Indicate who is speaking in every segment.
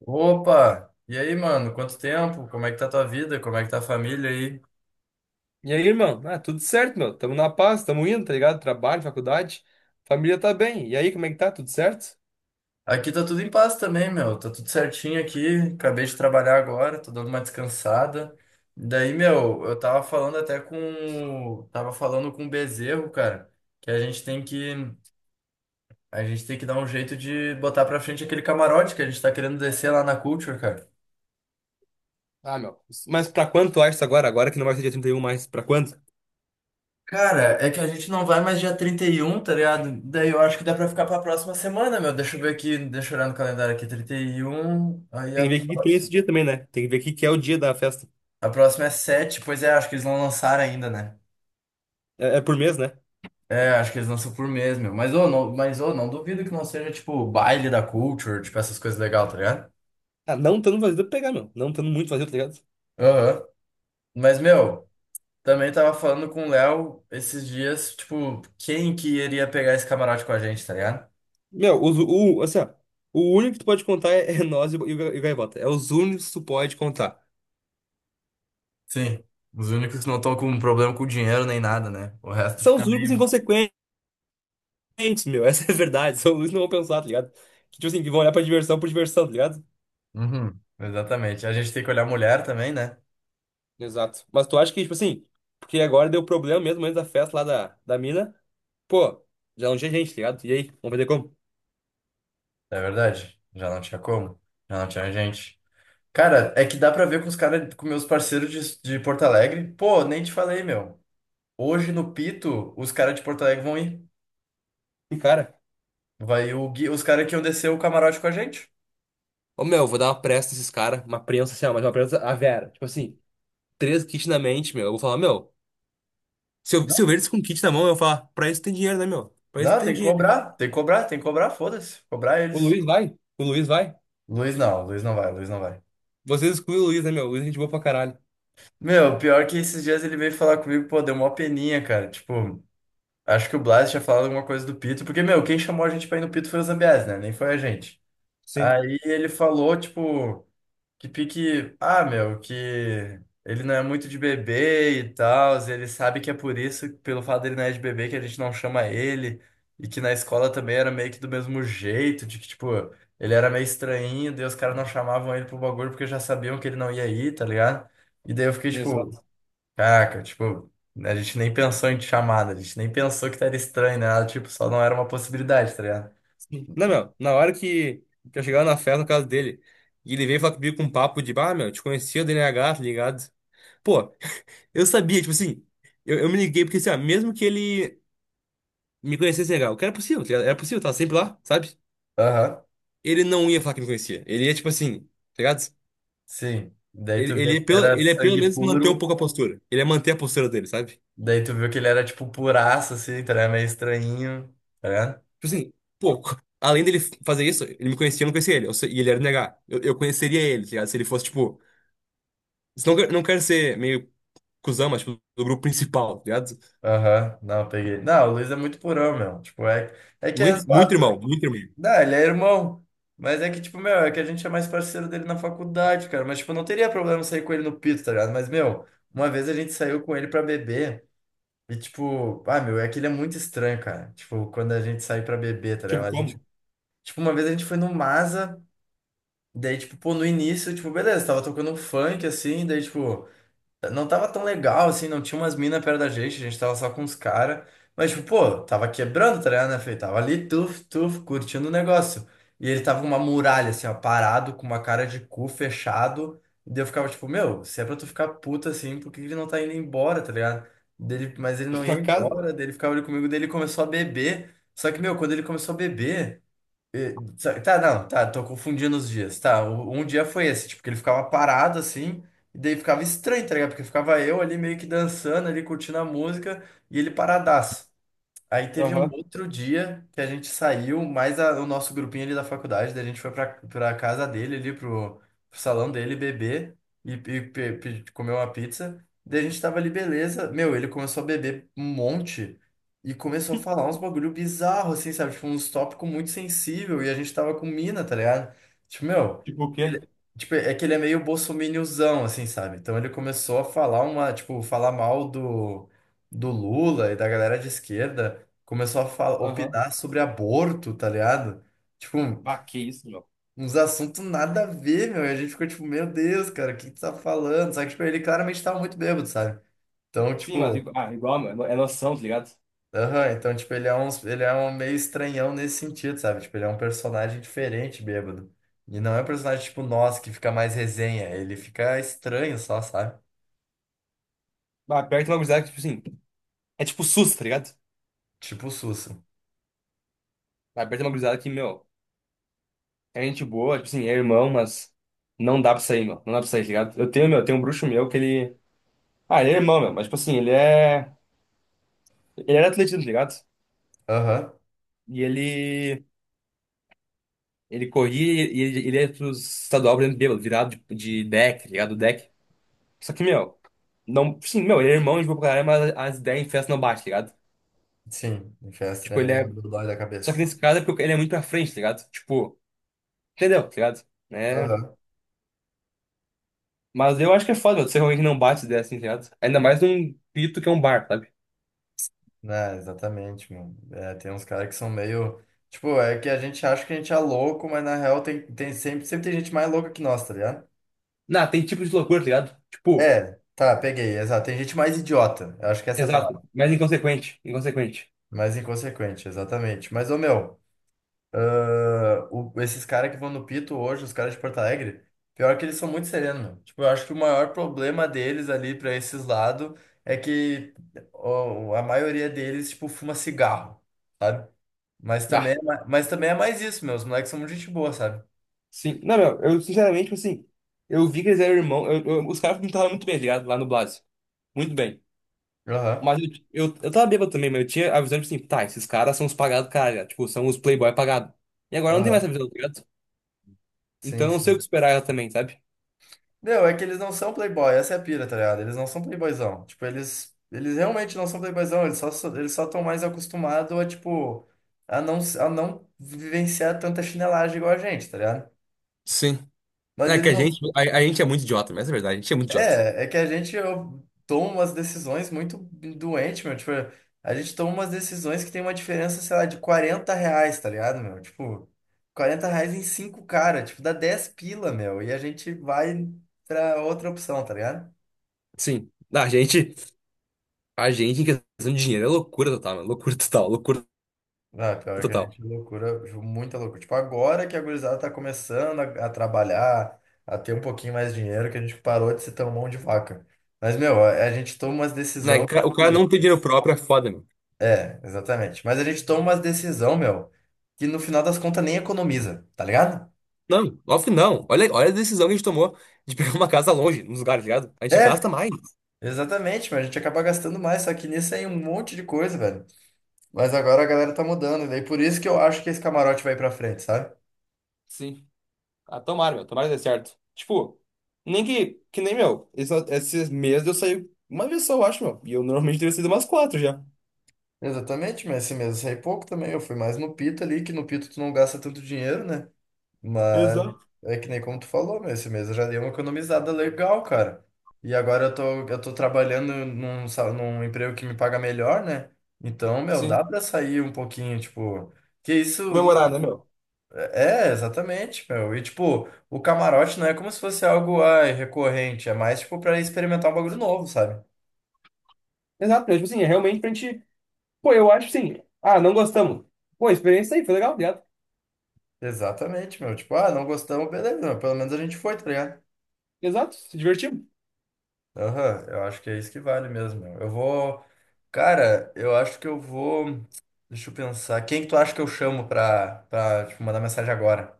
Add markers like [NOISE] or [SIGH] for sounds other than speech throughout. Speaker 1: Opa! E aí, mano? Quanto tempo? Como é que tá tua vida? Como é que tá a família aí?
Speaker 2: E aí, irmão? Ah, tudo certo, meu. Tamo na paz, tamo indo, tá ligado? Trabalho, faculdade, família tá bem. E aí, como é que tá? Tudo certo?
Speaker 1: Aqui tá tudo em paz também, meu. Tá tudo certinho aqui. Acabei de trabalhar agora, tô dando uma descansada. Daí, meu, eu tava falando com o Bezerro, cara, que a gente tem que, a gente tem que dar um jeito de botar pra frente aquele camarote que a gente tá querendo descer lá na Culture, cara.
Speaker 2: Ah, meu. Mas pra quanto tu acha isso agora? Agora que não vai ser dia 31, mais. Pra quanto?
Speaker 1: Cara, é que a gente não vai mais dia 31, tá ligado? Daí eu acho que dá pra ficar pra próxima semana, meu. Deixa eu ver aqui, deixa eu olhar no calendário aqui. 31, aí
Speaker 2: Tem
Speaker 1: a
Speaker 2: que ver o que que tem esse
Speaker 1: próxima.
Speaker 2: dia também, né? Tem que ver o que que é o dia da festa.
Speaker 1: A próxima é 7. Pois é, acho que eles não lançaram ainda, né?
Speaker 2: É por mês, né?
Speaker 1: É, acho que eles lançam por mês, meu. Mas, ô, não duvido que não seja, tipo, baile da culture, tipo, essas coisas legais, tá ligado?
Speaker 2: Ah, não tando vazio, dá pra pegar, meu. Não tando muito vazio, tá ligado?
Speaker 1: Aham. Mas, meu, também tava falando com o Léo esses dias, tipo, quem que iria pegar esse camarote com a gente, tá ligado?
Speaker 2: Meu, assim, ó. O único que tu pode contar é nós e o Gaivota. É os únicos que tu pode contar.
Speaker 1: Sim. Os únicos que não estão com problema com dinheiro nem nada, né? O resto
Speaker 2: São
Speaker 1: fica
Speaker 2: os únicos
Speaker 1: meio.
Speaker 2: inconsequentes, meu. [LAUGHS] Essa é a verdade. São os únicos que não vão pensar, tá ligado? Que, tipo assim, que vão olhar pra diversão por diversão, tá ligado?
Speaker 1: Uhum. Exatamente. A gente tem que olhar a mulher também, né?
Speaker 2: Exato. Mas tu acha que, tipo assim, porque agora deu problema mesmo antes da festa lá da mina. Pô, já não tinha gente, tá ligado? E aí, vamos fazer como?
Speaker 1: É verdade. Já não tinha como. Já não tinha gente. Cara, é que dá pra ver com os caras, com meus parceiros de Porto Alegre. Pô, nem te falei, meu. Hoje no Pito, os caras de Porto Alegre vão ir.
Speaker 2: E cara,
Speaker 1: Vai o Gui, os caras que iam descer o camarote com a gente.
Speaker 2: ô meu, eu vou dar uma pressa nesses caras, uma prensa assim, ó, mas uma prensa a Vera. Tipo assim, três kits na mente, meu. Eu vou falar, meu, se eu ver eles com kit na mão, eu vou falar, pra isso tem dinheiro, né, meu? Pra isso
Speaker 1: Não,
Speaker 2: tem
Speaker 1: tem que
Speaker 2: dinheiro.
Speaker 1: cobrar, tem que cobrar, tem que cobrar, foda-se. Cobrar
Speaker 2: O
Speaker 1: eles.
Speaker 2: Luiz vai, o Luiz vai.
Speaker 1: Luiz não vai, Luiz não vai.
Speaker 2: Vocês excluem o Luiz, né, meu? O Luiz é gente boa pra caralho.
Speaker 1: Meu, pior que esses dias ele veio falar comigo, pô, deu uma peninha, cara. Tipo, acho que o Blas tinha falado alguma coisa do Pito, porque, meu, quem chamou a gente pra ir no Pito foi o Zambiás, né? Nem foi a gente.
Speaker 2: Sim,
Speaker 1: Aí ele falou, tipo, que pique, ah, meu, que ele não é muito de bebê e tal, ele sabe que é por isso, pelo fato dele não é de bebê, que a gente não chama ele, e que na escola também era meio que do mesmo jeito, de que, tipo, ele era meio estranho, daí os caras não chamavam ele pro bagulho porque já sabiam que ele não ia ir, tá ligado? E daí eu fiquei tipo,
Speaker 2: exato.
Speaker 1: caraca, tipo, a gente nem pensou em te chamada, a gente nem pensou que era estranho, né? Nada, tipo, só não era uma possibilidade, tá ligado?
Speaker 2: Não, meu, na hora que, eu chegar na festa na casa dele. E ele veio falar comigo com um papo de, ah, meu, te conhecia do NH, tá ligado? Pô, eu sabia, tipo assim, eu me liguei porque assim, ó, mesmo que ele me conhecesse legal, que era possível, tá ligado? Era possível, tava sempre lá, sabe?
Speaker 1: Aham.
Speaker 2: Ele não ia falar que me conhecia. Ele ia, tipo assim, tá ligado?
Speaker 1: Sim. Daí
Speaker 2: Ele,
Speaker 1: tu
Speaker 2: ele,
Speaker 1: vê que
Speaker 2: ia pelo,
Speaker 1: ele era
Speaker 2: ele ia pelo
Speaker 1: sangue
Speaker 2: menos manter um
Speaker 1: puro,
Speaker 2: pouco a postura. Ele ia manter a postura dele, sabe?
Speaker 1: daí tu viu que ele era, tipo, puraço, assim, tá ligado? Meio estranhinho, tá ligado?
Speaker 2: Tipo assim, pô, [LAUGHS] além dele fazer isso, ele me conhecia, eu não conhecia ele. E ele era negar. Eu conheceria ele, tá ligado? Se ele fosse, tipo. Não, não quero ser meio cuzão, mas tipo, do grupo principal, tá ligado?
Speaker 1: Aham, não, peguei. Não, o Luiz é muito purão, meu. Tipo, é, é que é
Speaker 2: Muito, muito irmão,
Speaker 1: zoado.
Speaker 2: muito irmão.
Speaker 1: Não, ele é irmão. Mas é que, tipo, meu, é que a gente é mais parceiro dele na faculdade, cara. Mas, tipo, não teria problema sair com ele no pito, tá ligado? Mas, meu, uma vez a gente saiu com ele pra beber. E tipo, ah, meu, é que ele é muito estranho, cara. Tipo, quando a gente sai pra beber, tá ligado?
Speaker 2: Tipo,
Speaker 1: A gente,
Speaker 2: como?
Speaker 1: tipo, uma vez a gente foi no Masa, daí, tipo, pô, no início, tipo, beleza, tava tocando um funk assim, daí, tipo. Não tava tão legal, assim, não tinha umas minas perto da gente, a gente tava só com os caras. Mas, tipo, pô, tava quebrando, tá ligado, né, Fê? Tava ali, tuf, tuf, curtindo o negócio. E ele tava com uma muralha,
Speaker 2: [LAUGHS]
Speaker 1: assim, ó, parado, com uma cara de cu fechado. E daí eu ficava, tipo, meu, se é pra tu ficar puto assim, por que que ele não tá indo embora, tá ligado? Dele, mas ele não ia
Speaker 2: Pra casa?
Speaker 1: embora, dele ficava ali comigo, dele começou a beber. Só que, meu, quando ele começou a beber. Tá, não, tá, tô confundindo os dias. Tá, um dia foi esse, tipo, que ele ficava parado assim, e daí ficava estranho, tá ligado? Porque ficava eu ali meio que dançando, ali curtindo a música, e ele paradaço. Aí teve um
Speaker 2: Aham.
Speaker 1: outro dia que a gente saiu, mais o nosso grupinho ali da faculdade, daí a gente foi pra casa dele ali, pro, pro salão dele beber e comer uma pizza. Daí a gente tava ali, beleza. Meu, ele começou a beber um monte e começou a falar uns bagulho bizarro, assim, sabe? Tipo, uns tópicos muito sensível e a gente tava com mina, tá ligado? Tipo, meu,
Speaker 2: Tipo o quê?
Speaker 1: ele- tipo, é que ele é meio bolsominiozão, assim, sabe? Então ele começou a falar uma, tipo, falar mal do Lula e da galera de esquerda começou a falar,
Speaker 2: Aham.
Speaker 1: opinar sobre aborto, tá ligado? Tipo,
Speaker 2: Ah, que isso, meu.
Speaker 1: uns assuntos nada a ver, meu. E a gente ficou tipo, meu Deus, cara, o que tu tá falando? Só que, tipo, ele claramente tava muito bêbado, sabe? Então,
Speaker 2: Sim, mas
Speaker 1: tipo,
Speaker 2: ah, igual, meu, é noção, tá ligado?
Speaker 1: aham, então, tipo, ele é um meio estranhão nesse sentido, sabe? Tipo, ele é um personagem diferente, bêbado. E não é um personagem tipo nós, que fica mais resenha. Ele fica estranho só, sabe?
Speaker 2: Ah, perto de uma gurizada que, tipo assim, é tipo SUS, tá ligado?
Speaker 1: Tipo o Sussa.
Speaker 2: Ah, perto de uma gurizada que, meu, é gente boa, tipo assim, é irmão, mas não dá pra sair, meu. Não dá pra sair, tá ligado? Eu tenho, meu, tem um bruxo meu que ele. Ah, ele é irmão, meu, mas, tipo assim, ele é. Ele era atletismo, tá ligado?
Speaker 1: Aham,
Speaker 2: E ele. Ele corria e ele ia pro estadual, por exemplo, bêbado, virado de deck, tá ligado? Deck. Só que, meu, não. Sim, meu, ele é irmão de boa pra caralho, mas as ideias em festa não bate, tá ligado?
Speaker 1: sim. O Chester é
Speaker 2: Tipo, ele
Speaker 1: meio
Speaker 2: é.
Speaker 1: doido da
Speaker 2: Só que
Speaker 1: cabeça.
Speaker 2: nesse caso é porque ele é muito pra frente, tá ligado? Tipo, entendeu, tá ligado? Né?
Speaker 1: Aham.
Speaker 2: Mas eu acho que é foda, mano, ser alguém que não bate se der assim, tá ligado? Ainda mais num pito que é um bar, sabe?
Speaker 1: É, exatamente, mano. É, tem uns caras que são meio. Tipo, é que a gente acha que a gente é louco, mas na real sempre tem gente mais louca que nós, tá ligado?
Speaker 2: Não, tem tipo de loucura, tá ligado? Tipo,
Speaker 1: É, tá, peguei, exato. Tem gente mais idiota. Eu acho que essa é a
Speaker 2: exato,
Speaker 1: palavra.
Speaker 2: mas inconsequente, inconsequente.
Speaker 1: Mais inconsequente, exatamente. Mas, ô meu. Ah, esses caras que vão no Pito hoje, os caras de Porto Alegre, pior que eles são muito serenos, meu. Tipo, eu acho que o maior problema deles ali pra esses lados é que ó, a maioria deles, tipo, fuma cigarro, sabe? Mas também,
Speaker 2: Ah,
Speaker 1: mas também é mais isso, meu. Os moleques são muito gente boa, sabe?
Speaker 2: sim. Não, meu, eu sinceramente, tipo assim, eu vi que eles eram irmãos, os caras pintaram muito bem, tá ligado? Lá no Blase. Muito bem.
Speaker 1: Aham,
Speaker 2: Mas eu tava bêbado também, mas eu tinha a visão, tipo assim, tá, esses caras são os pagados, cara, tá ligado? Tipo, são os playboy pagados. E agora não tem mais
Speaker 1: aham.
Speaker 2: essa visão, tá ligado? Então
Speaker 1: Sim,
Speaker 2: eu não sei o que
Speaker 1: sim.
Speaker 2: esperar ela também, sabe?
Speaker 1: Não, é que eles não são playboy, essa é a pira, tá ligado? Eles não são playboyzão. Tipo, eles realmente não são playboyzão, eles só estão mais acostumados a, tipo, a não vivenciar tanta chinelagem igual a gente, tá ligado?
Speaker 2: Sim.
Speaker 1: Mas
Speaker 2: É que
Speaker 1: eles
Speaker 2: a gente,
Speaker 1: não.
Speaker 2: a, a gente é muito idiota, mas é verdade, a gente é muito idiota.
Speaker 1: É, é que a gente eu, toma umas decisões muito doente, meu. Tipo, a gente toma umas decisões que tem uma diferença, sei lá, de 40 reais, tá ligado, meu? Tipo, 40 reais em cinco cara, tipo, dá 10 pila, meu. E a gente vai pra outra opção, tá ligado?
Speaker 2: Sim, a gente em questão de dinheiro é loucura total, mano. Loucura total, loucura
Speaker 1: Ah, pior que a
Speaker 2: total.
Speaker 1: gente é loucura, muita loucura. Tipo, agora que a gurizada tá começando a trabalhar, a ter um pouquinho mais de dinheiro, que a gente parou de ser tão mão de vaca. Mas, meu, a gente toma umas
Speaker 2: Né,
Speaker 1: decisões.
Speaker 2: o cara não ter dinheiro próprio é foda, meu.
Speaker 1: É, exatamente. Mas a gente toma umas decisão, meu, que no final das contas nem economiza, tá ligado?
Speaker 2: Não, óbvio não. Olha, olha a decisão que a gente tomou de pegar uma casa longe, nos lugares, tá ligado? A gente gasta
Speaker 1: É,
Speaker 2: mais.
Speaker 1: exatamente, mas a gente acaba gastando mais, só que nisso aí um monte de coisa, velho. Mas agora a galera tá mudando, e daí por isso que eu acho que esse camarote vai pra frente, sabe?
Speaker 2: Sim. Ah, tomara, meu. Tomara que dê certo. Tipo, nem que, que nem, meu. Esses meses eu saí uma vez só, eu acho, meu. E eu normalmente teria saído umas quatro já.
Speaker 1: Exatamente, mas esse mês eu saí pouco também. Eu fui mais no Pita ali, que no Pita tu não gasta tanto dinheiro, né? Mas
Speaker 2: Exato.
Speaker 1: é que nem como tu falou, meu, esse mês eu já dei uma economizada legal, cara. E agora eu tô trabalhando num, num emprego que me paga melhor, né? Então, meu,
Speaker 2: Sim.
Speaker 1: dá pra sair um pouquinho, tipo. Que isso.
Speaker 2: Comemorar, né, meu?
Speaker 1: É, exatamente, meu. E, tipo, o camarote não é como se fosse algo, ai, recorrente. É mais, tipo, pra experimentar um bagulho novo, sabe?
Speaker 2: Exato, meu. Tipo assim, é realmente pra gente. Pô, eu acho sim. Ah, não gostamos. Pô, a experiência aí, foi legal, ligado?
Speaker 1: Exatamente, meu. Tipo, ah, não gostamos, beleza, meu. Pelo menos a gente foi, tá ligado?
Speaker 2: Exato, se divertimos.
Speaker 1: Aham, eu acho que é isso que vale mesmo. Eu vou. Cara, eu acho que eu vou. Deixa eu pensar. Quem que tu acha que eu chamo pra tipo, mandar mensagem agora?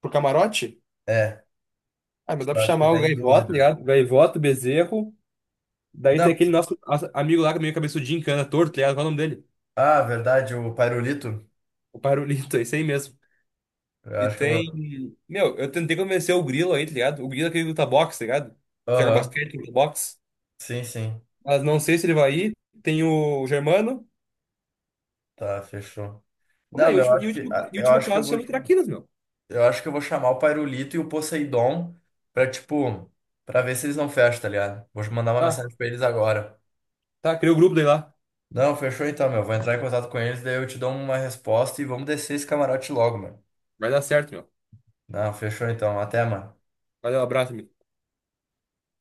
Speaker 2: Pro camarote.
Speaker 1: É,
Speaker 2: Ah, mas
Speaker 1: que
Speaker 2: dá
Speaker 1: tu
Speaker 2: pra
Speaker 1: acha que
Speaker 2: chamar
Speaker 1: tá
Speaker 2: o
Speaker 1: em
Speaker 2: Gaivoto,
Speaker 1: dúvida.
Speaker 2: ligado? Gaivoto, Bezerro. Daí
Speaker 1: Não.
Speaker 2: tem aquele nosso amigo lá que é meio cabeçudinho, que anda torto, tá ligado? Qual é o nome dele?
Speaker 1: Ah, verdade, o Pairulito.
Speaker 2: O Parolito, [LAUGHS] é esse aí mesmo.
Speaker 1: Eu
Speaker 2: E
Speaker 1: acho que eu.
Speaker 2: tem. Meu, eu tentei convencer o Grilo aí, tá ligado? O Grilo é aquele que luta boxe, tá ligado? Joga
Speaker 1: Aham.
Speaker 2: basquete, luta boxe.
Speaker 1: Sim, sim.
Speaker 2: Mas não sei se ele vai ir. Tem o Germano.
Speaker 1: Tá, fechou.
Speaker 2: Como é?
Speaker 1: Não,
Speaker 2: E o
Speaker 1: mas eu
Speaker 2: último, e o
Speaker 1: acho que
Speaker 2: último,
Speaker 1: ah,
Speaker 2: e o
Speaker 1: eu
Speaker 2: último
Speaker 1: acho que eu
Speaker 2: caso
Speaker 1: vou
Speaker 2: chama o Traquinas, meu.
Speaker 1: eu acho que eu vou chamar o Pairulito e o Poseidon pra, tipo, pra ver se eles não fecham, tá ligado? Vou mandar uma
Speaker 2: Tá,
Speaker 1: mensagem pra eles agora.
Speaker 2: tá, criou o grupo daí lá.
Speaker 1: Não, fechou então, meu. Vou entrar em contato com eles, daí eu te dou uma resposta e vamos descer esse camarote logo, meu.
Speaker 2: Vai dar certo, meu.
Speaker 1: Não, fechou então. Até, mano.
Speaker 2: Valeu, abraço, amigo.